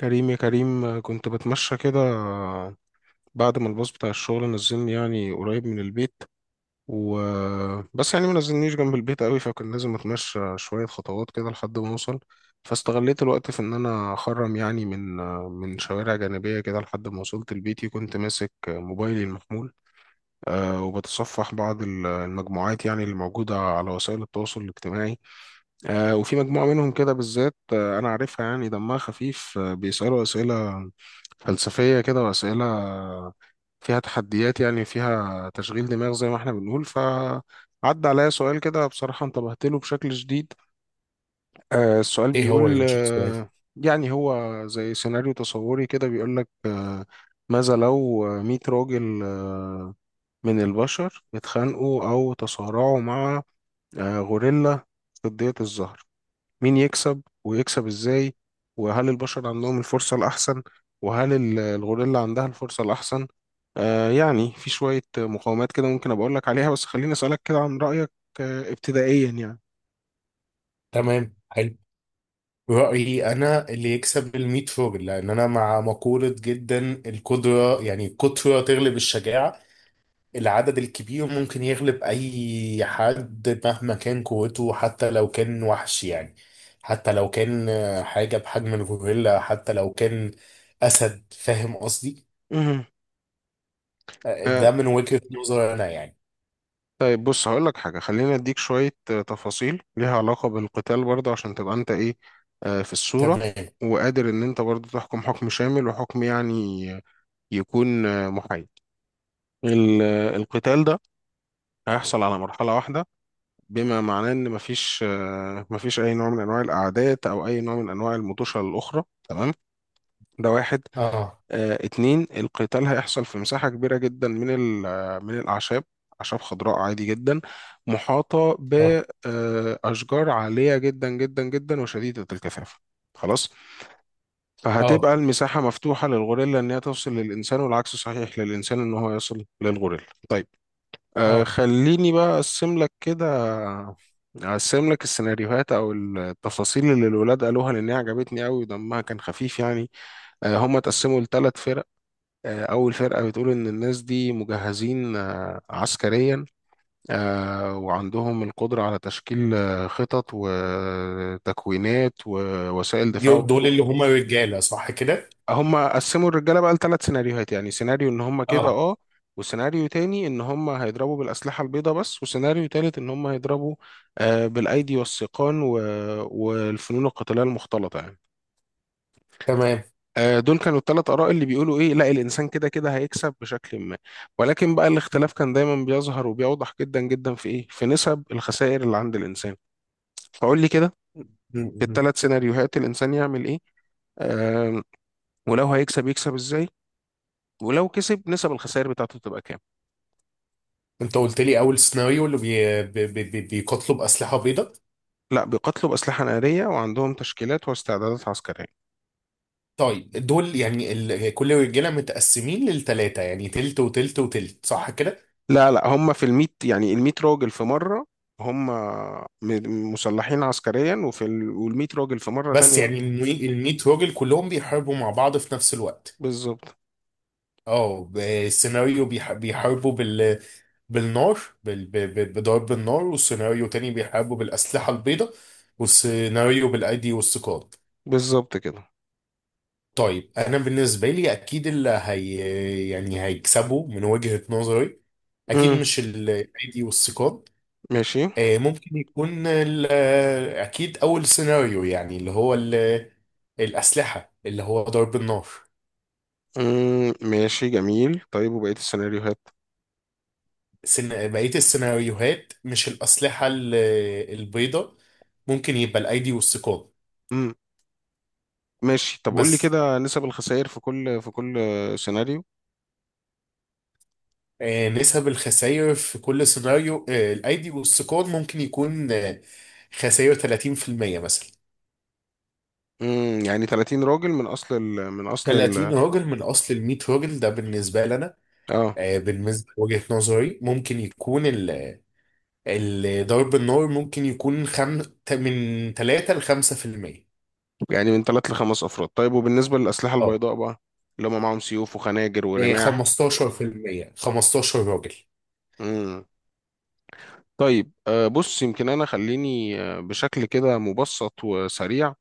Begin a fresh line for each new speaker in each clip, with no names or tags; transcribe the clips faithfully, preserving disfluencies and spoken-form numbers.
كريم يا كريم آه، كنت بتمشى كده آه، بعد ما الباص بتاع الشغل نزلني يعني قريب من البيت و بس يعني ما نزلنيش جنب البيت قوي فكان لازم اتمشى شوية خطوات كده لحد ما اوصل. فاستغليت الوقت في ان انا اخرم يعني من آه، من شوارع جانبية كده لحد ما وصلت لبيتي. كنت ماسك آه، موبايلي المحمول آه، وبتصفح بعض ال- المجموعات يعني اللي موجودة على وسائل التواصل الاجتماعي. آه، وفي مجموعة منهم كده بالذات آه، أنا عارفها يعني دمها خفيف، آه، بيسألوا أسئلة فلسفية كده، وأسئلة فيها تحديات، يعني فيها تشغيل دماغ زي ما احنا بنقول. فعدى عليا سؤال كده بصراحة انتبهت له بشكل شديد. آه، السؤال
ايه هو
بيقول
يا باشا السؤال؟
آه، يعني هو زي سيناريو تصوري كده بيقول لك آه، ماذا لو مية راجل آه، من البشر اتخانقوا أو تصارعوا مع آه، غوريلا في ضية الظهر؟ مين يكسب ويكسب ازاي؟ وهل البشر عندهم الفرصة الأحسن؟ وهل ال- الغوريلا عندها الفرصة الأحسن؟ آه، يعني في شوية مقاومات كده ممكن أبقى أقولك عليها، بس خليني أسألك كده عن رأيك آه ابتدائيا يعني.
تمام، حلو. رأيي انا اللي يكسب الميت فوجل، لان انا مع مقولة جدا. القدرة، يعني القدرة تغلب الشجاعة. العدد الكبير ممكن يغلب اي حد مهما كان قوته، حتى لو كان وحش يعني، حتى لو كان آه، حاجة بحجم الغوريلا، حتى لو كان اسد، فاهم قصدي؟
مهم.
آه،
آه،
ده من وجهة نظري انا يعني.
طيب بص هقولك حاجة، خليني أديك شوية آه، تفاصيل ليها علاقة بالقتال برضه عشان تبقى أنت إيه آه في الصورة،
تمام.
وقادر إن أنت برضه تحكم حكم شامل وحكم يعني يكون آه، محايد. ال- آه، القتال ده هيحصل على مرحلة واحدة، بما معناه ان مفيش آه، مفيش اي نوع من انواع الاعداد او اي نوع من انواع المطوشه الاخرى، تمام؟ ده واحد.
اه،
آه، اتنين، القتال هيحصل في مساحه كبيره جدا من ال- آه، من الاعشاب، اعشاب خضراء عادي جدا، محاطه
اه،
باشجار عاليه جدا جدا جدا وشديده الكثافه. خلاص.
اه،
فهتبقى المساحه مفتوحه للغوريلا ان هي توصل للانسان، والعكس صحيح للانسان ان هو يصل للغوريلا. طيب آه،
اه.
خليني بقى أقسم لك كده. أقسم لك السيناريوهات أو التفاصيل اللي الولاد قالوها لأن هي عجبتني أوي ودمها كان خفيف يعني. آه، هم اتقسموا لثلاث فرق. آه، أول فرقة بتقول إن الناس دي مجهزين آه عسكريا، آه وعندهم القدرة على تشكيل آه، خطط وتكوينات ووسائل دفاع.
دول دول اللي هما رجالة، صح كده؟
هم قسموا الرجاله بقى لثلاث سيناريوهات، يعني سيناريو ان هم كده
اه.
اه، وسيناريو تاني ان هم هيضربوا بالاسلحه البيضاء بس، وسيناريو تالت ان هم هيضربوا آه بالايدي والسيقان و... والفنون القتاليه المختلطه يعني.
تمام.
آه، دول كانوا الثلاث اراء اللي بيقولوا ايه، لا الانسان كده كده هيكسب بشكل ما. ولكن بقى الاختلاف كان دايما بيظهر وبيوضح جدا جدا في ايه، في نسب الخسائر اللي عند الانسان. فقول لي كده،
م-
في
م.
الثلاث سيناريوهات الانسان يعمل ايه؟ آه ولو هيكسب يكسب ازاي؟ ولو كسب نسب الخسائر بتاعته تبقى كام؟
انت قلت لي اول سيناريو اللي بي... بي... بي... بي- بيقتلوا باسلحه بيضاء.
لا، بيقاتلوا بأسلحة نارية وعندهم تشكيلات واستعدادات عسكرية.
طيب، دول يعني ال... كل رجاله متقسمين للثلاثه، يعني تلت وتلت وتلت، صح كده؟
لا لا هم في الميت يعني الميت راجل في مرة، هم م- مسلحين عسكريا، وفي ال... والميت راجل في مرة
بس
تانية.
يعني ال 100 راجل كلهم بيحاربوا مع بعض في نفس الوقت؟
بالظبط
اه، ب- السيناريو بيح... بيحاربوا بال بالنار، بال... ب... ب... بضرب النار، والسيناريو تاني بيحاربوا بالاسلحه البيضاء، والسيناريو بالايدي والسكات.
بالظبط كده.
طيب انا بالنسبه لي اكيد اللي هي يعني هيكسبوا من وجهه نظري، اكيد
امم،
مش الايدي والثقاب.
ماشي.
آه، ممكن يكون ال- آه، اكيد اول سيناريو، يعني اللي هو ال- الاسلحه اللي هو ضرب النار.
امم، ماشي جميل. طيب وبقية السيناريوهات؟
سن- بقيه السيناريوهات، مش الاسلحه ال- البيضاء، ممكن يبقى الايدي والثقاب.
امم، ماشي. طب قول لي
بس
كده نسب الخسائر في كل في كل سيناريو.
آه، نسب الخسائر في كل سيناريو، آه، الايدي والثقاب ممكن يكون آه، خسائر تلاتين في المية مثلا،
امم، يعني ثلاثين راجل من اصل ال... من اصل
30
ال...
راجل من اصل ال 100 راجل، ده بالنسبه لنا.
اه.
آه، بالنسبه لوجهه نظري ممكن يكون ال- ال- ضرب النار ممكن يكون خم... ت- من ثلاثة ل خمسة في المية.
يعني من ثلاث لخمس افراد. طيب وبالنسبه للاسلحه
اه.
البيضاء بقى، اللي هم معاهم سيوف وخناجر
آه،
ورماح؟
خمستاشر في المية، 15 راجل.
امم. طيب آه، بص يمكن انا خليني آه، بشكل كده مبسط وسريع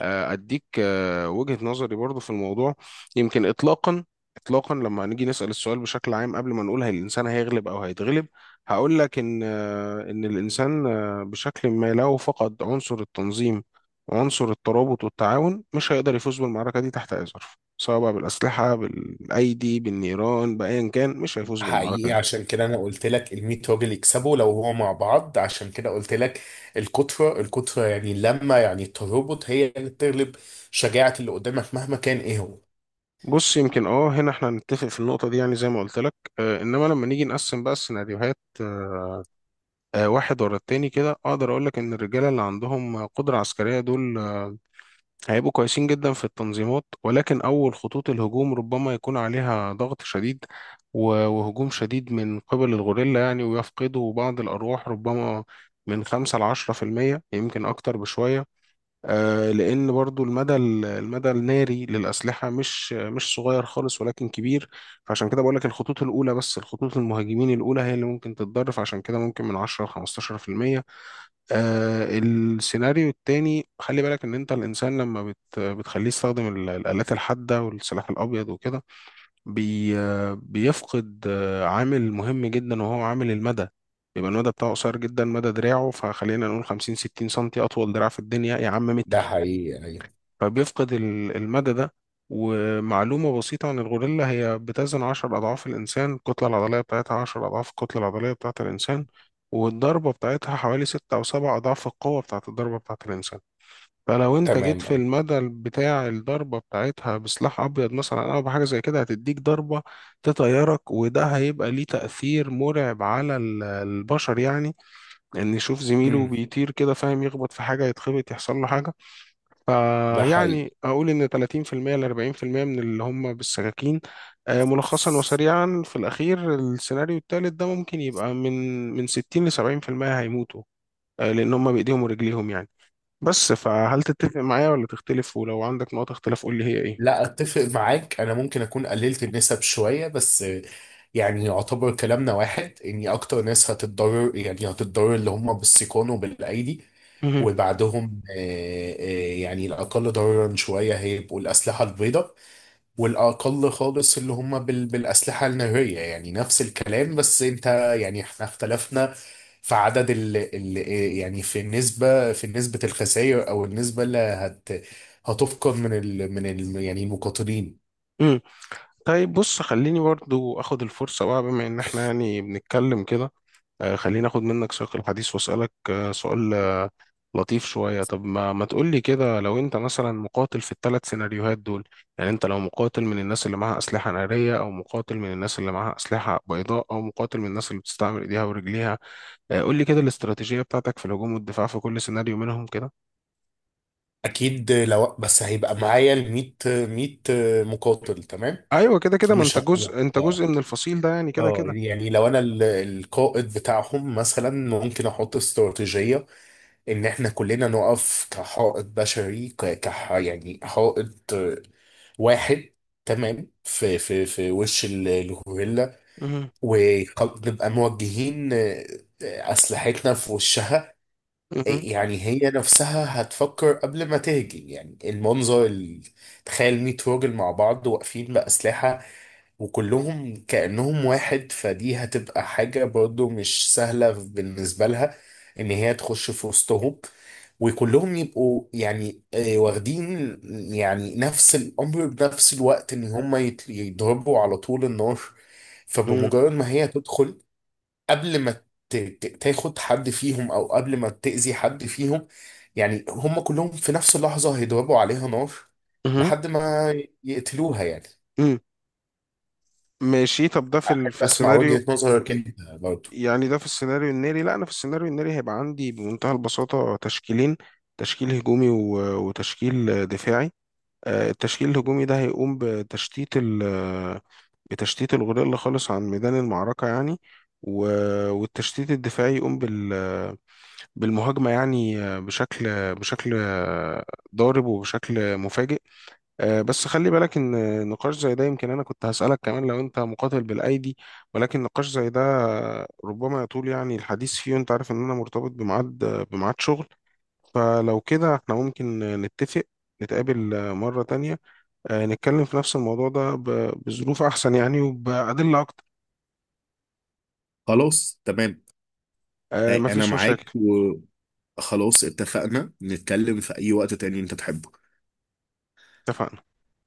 آه، اديك آه، وجهة نظري برضو في الموضوع. يمكن اطلاقا اطلاقا لما نيجي نسأل السؤال بشكل عام، قبل ما نقول هل الانسان هيغلب او هيتغلب، هقول لك ان آه، ان الانسان آه، بشكل ما لو فقد عنصر التنظيم وعنصر الترابط والتعاون مش هيقدر يفوز بالمعركة دي تحت اي ظرف، سواء بقى بالأسلحة بالأيدي بالنيران بأيا كان، مش هيفوز بالمعركة
حقيقي،
دي.
عشان كده انا قلت لك ال 100 راجل يكسبوا لو هو مع بعض، عشان كده قلت لك الكتره الكتره، يعني اللمه، يعني الترابط هي اللي بتغلب شجاعه اللي قدامك مهما كان ايه هو.
بص يمكن اه، هنا احنا نتفق في النقطة دي، يعني زي ما قلت لك. آه، انما لما نيجي نقسم بقى السيناريوهات آه، آه، واحد ورا التاني كده، اقدر اقول لك ان الرجاله اللي عندهم قدره عسكريه دول آه، هيبقوا كويسين جدا في التنظيمات، ولكن اول خطوط الهجوم ربما يكون عليها ضغط شديد و- وهجوم شديد من قبل الغوريلا يعني، ويفقدوا بعض الارواح ربما، من خمسة لعشرة في المية، يمكن أكتر بشوية. آه، لأن برضو المدى ال- المدى الناري للأسلحة مش مش صغير خالص ولكن كبير. فعشان كده بقول لك الخطوط الأولى، بس الخطوط المهاجمين الأولى هي اللي ممكن تتضرر، فعشان كده ممكن من عشرة ل خمستاشر في المية. آه، السيناريو التاني، خلي بالك إن أنت الإنسان لما بت بتخليه يستخدم ال- الآلات الحادة والسلاح الأبيض وكده بي آه، بيفقد آه، عامل مهم جدا وهو عامل المدى. يبقى المدى بتاعه قصير جدا، مدى دراعه، فخلينا نقول خمسين ستين سنتي، أطول دراع في الدنيا يا عم
ده
متر.
حقيقي، أيوة.
فبيفقد ال- المدى ده. ومعلومة بسيطة عن الغوريلا، هي بتزن عشر أضعاف الإنسان، الكتلة العضلية بتاعتها عشر أضعاف الكتلة العضلية بتاعة الإنسان، والضربة بتاعتها حوالي ستة أو سبع أضعاف القوة بتاعة الضربة بتاعة الإنسان. فلو أنت جيت في
تمام.
المدى بتاع الضربة بتاعتها بسلاح أبيض مثلا أو بحاجة زي كده هتديك ضربة تطيرك. وده هيبقى ليه تأثير مرعب على ال- البشر يعني، إن يشوف زميله
امم.
بيطير كده، فاهم، يخبط في حاجة يتخبط يحصل له حاجة.
ده حقيقي.
فيعني أقول إن تلاتين في المية ل اربعين في المية من اللي هم بالسكاكين. آه، ملخصا وسريعا في الأخير، السيناريو التالت ده ممكن يبقى من من ستين ل سبعين في المية هيموتوا، آه، لأن هم بإيديهم ورجليهم يعني. بس فهل تتفق معايا ولا تختلف؟ ولو عندك نقط اختلاف قول لي هي إيه.
لا، اتفق معاك، انا ممكن اكون قللت النسب شويه بس، يعني يعتبر كلامنا واحد اني اكتر ناس هتتضرر يعني هتتضرر اللي هم بالسيقان وبالايدي،
مهم.
وبعدهم آه، آه، يعني الاقل ضررا شويه هيبقوا الاسلحه البيضاء، والأقل خالص اللي هم بال... بالأسلحة النارية، يعني نفس الكلام، بس أنت يعني إحنا اختلفنا في عدد ال... ال... يعني في النسبة في نسبة الخسائر، أو النسبة اللي هت... هتفقد من ال... من ال... يعني المقاتلين.
مم. طيب بص خليني برضو أخد الفرصة بقى بما إن إحنا يعني بنتكلم كده. آه، خليني اخد منك سياق الحديث واسالك آه، سؤال آه، لطيف شويه. طب ما ما تقول لي كده، لو انت مثلا مقاتل في الثلاث سيناريوهات دول، يعني انت لو مقاتل من الناس اللي معاها اسلحه ناريه، او مقاتل من الناس اللي معاها اسلحه بيضاء، او مقاتل من الناس اللي بتستعمل ايديها ورجليها. آه، قول لي كده الاستراتيجيه بتاعتك في الهجوم والدفاع في كل سيناريو منهم كده.
أكيد لو بس هيبقى معايا ال مية 100 مقاتل، تمام.
ايوه كده كده،
أكيد
ما انت
مش هبقى لوحدي.
جزء، انت
اه.
جزء من الفصيل ده يعني كده
اه،
كده
يعني لو أنا ال... القائد بتاعهم مثلا، ممكن أحط استراتيجية ان احنا كلنا نقف كحائط بشري، ك... كح... يعني حائط آه، واحد، تمام، في في في وش ال- الغوريلا.
مهم.
ونبقى موجهين، آه، آه، اسلحتنا في وشها. آه،
مهم.
يعني هي نفسها هتفكر قبل ما تهجم، يعني المنظر ال- تخيل 100 راجل مع بعض واقفين بأسلحة، وكلهم كأنهم واحد، فدي هتبقى حاجة برضو مش سهلة بالنسبة لها إن هي تخش في وسطهم، وكلهم يبقوا يعني آه، واخدين يعني نفس الأمر بنفس الوقت، إن هم يت- يضربوا على طول النار.
مهم.
فبمجرد ما هي تدخل، قبل ما ت- ت- تاخد حد فيهم، أو قبل ما تأذي حد فيهم، يعني هم كلهم في نفس اللحظة هيضربوا عليها نار
مهم.
لحد ما يقتلوها يعني.
مهم. ماشي، طب ده في ال... في
اسمع
السيناريو،
وجهة نظرك انت برضه.
يعني ده في السيناريو الناري. لا انا في السيناريو الناري هيبقى عندي بمنتهى البساطة تشكيلين، تشكيل هجومي و- وتشكيل دفاعي. آه، التشكيل الهجومي ده هيقوم بتشتيت ال بتشتيت الغوريلا خالص عن ميدان المعركة يعني. و- والتشتيت الدفاعي يقوم بال بالمهاجمة يعني، آه، بشكل بشكل آه، ضارب وبشكل مفاجئ. آه، بس خلي بالك ان نقاش زي ده، يمكن انا كنت هسألك كمان لو انت مقاتل بالايدي، ولكن نقاش زي ده ربما يطول يعني الحديث فيه، وانت عارف ان انا مرتبط بميعاد، بميعاد شغل، فلو كده احنا ممكن نتفق نتقابل آه، مرة تانية، آه، نتكلم في نفس الموضوع ده ب- بظروف احسن يعني وبأدلة اكتر.
خلاص، تمام.
آه،
أي- انا
مفيش
معاك،
مشاكل.
وخلاص، اتفقنا نتكلم في اي وقت تاني انت تحبه.
اتفقنا.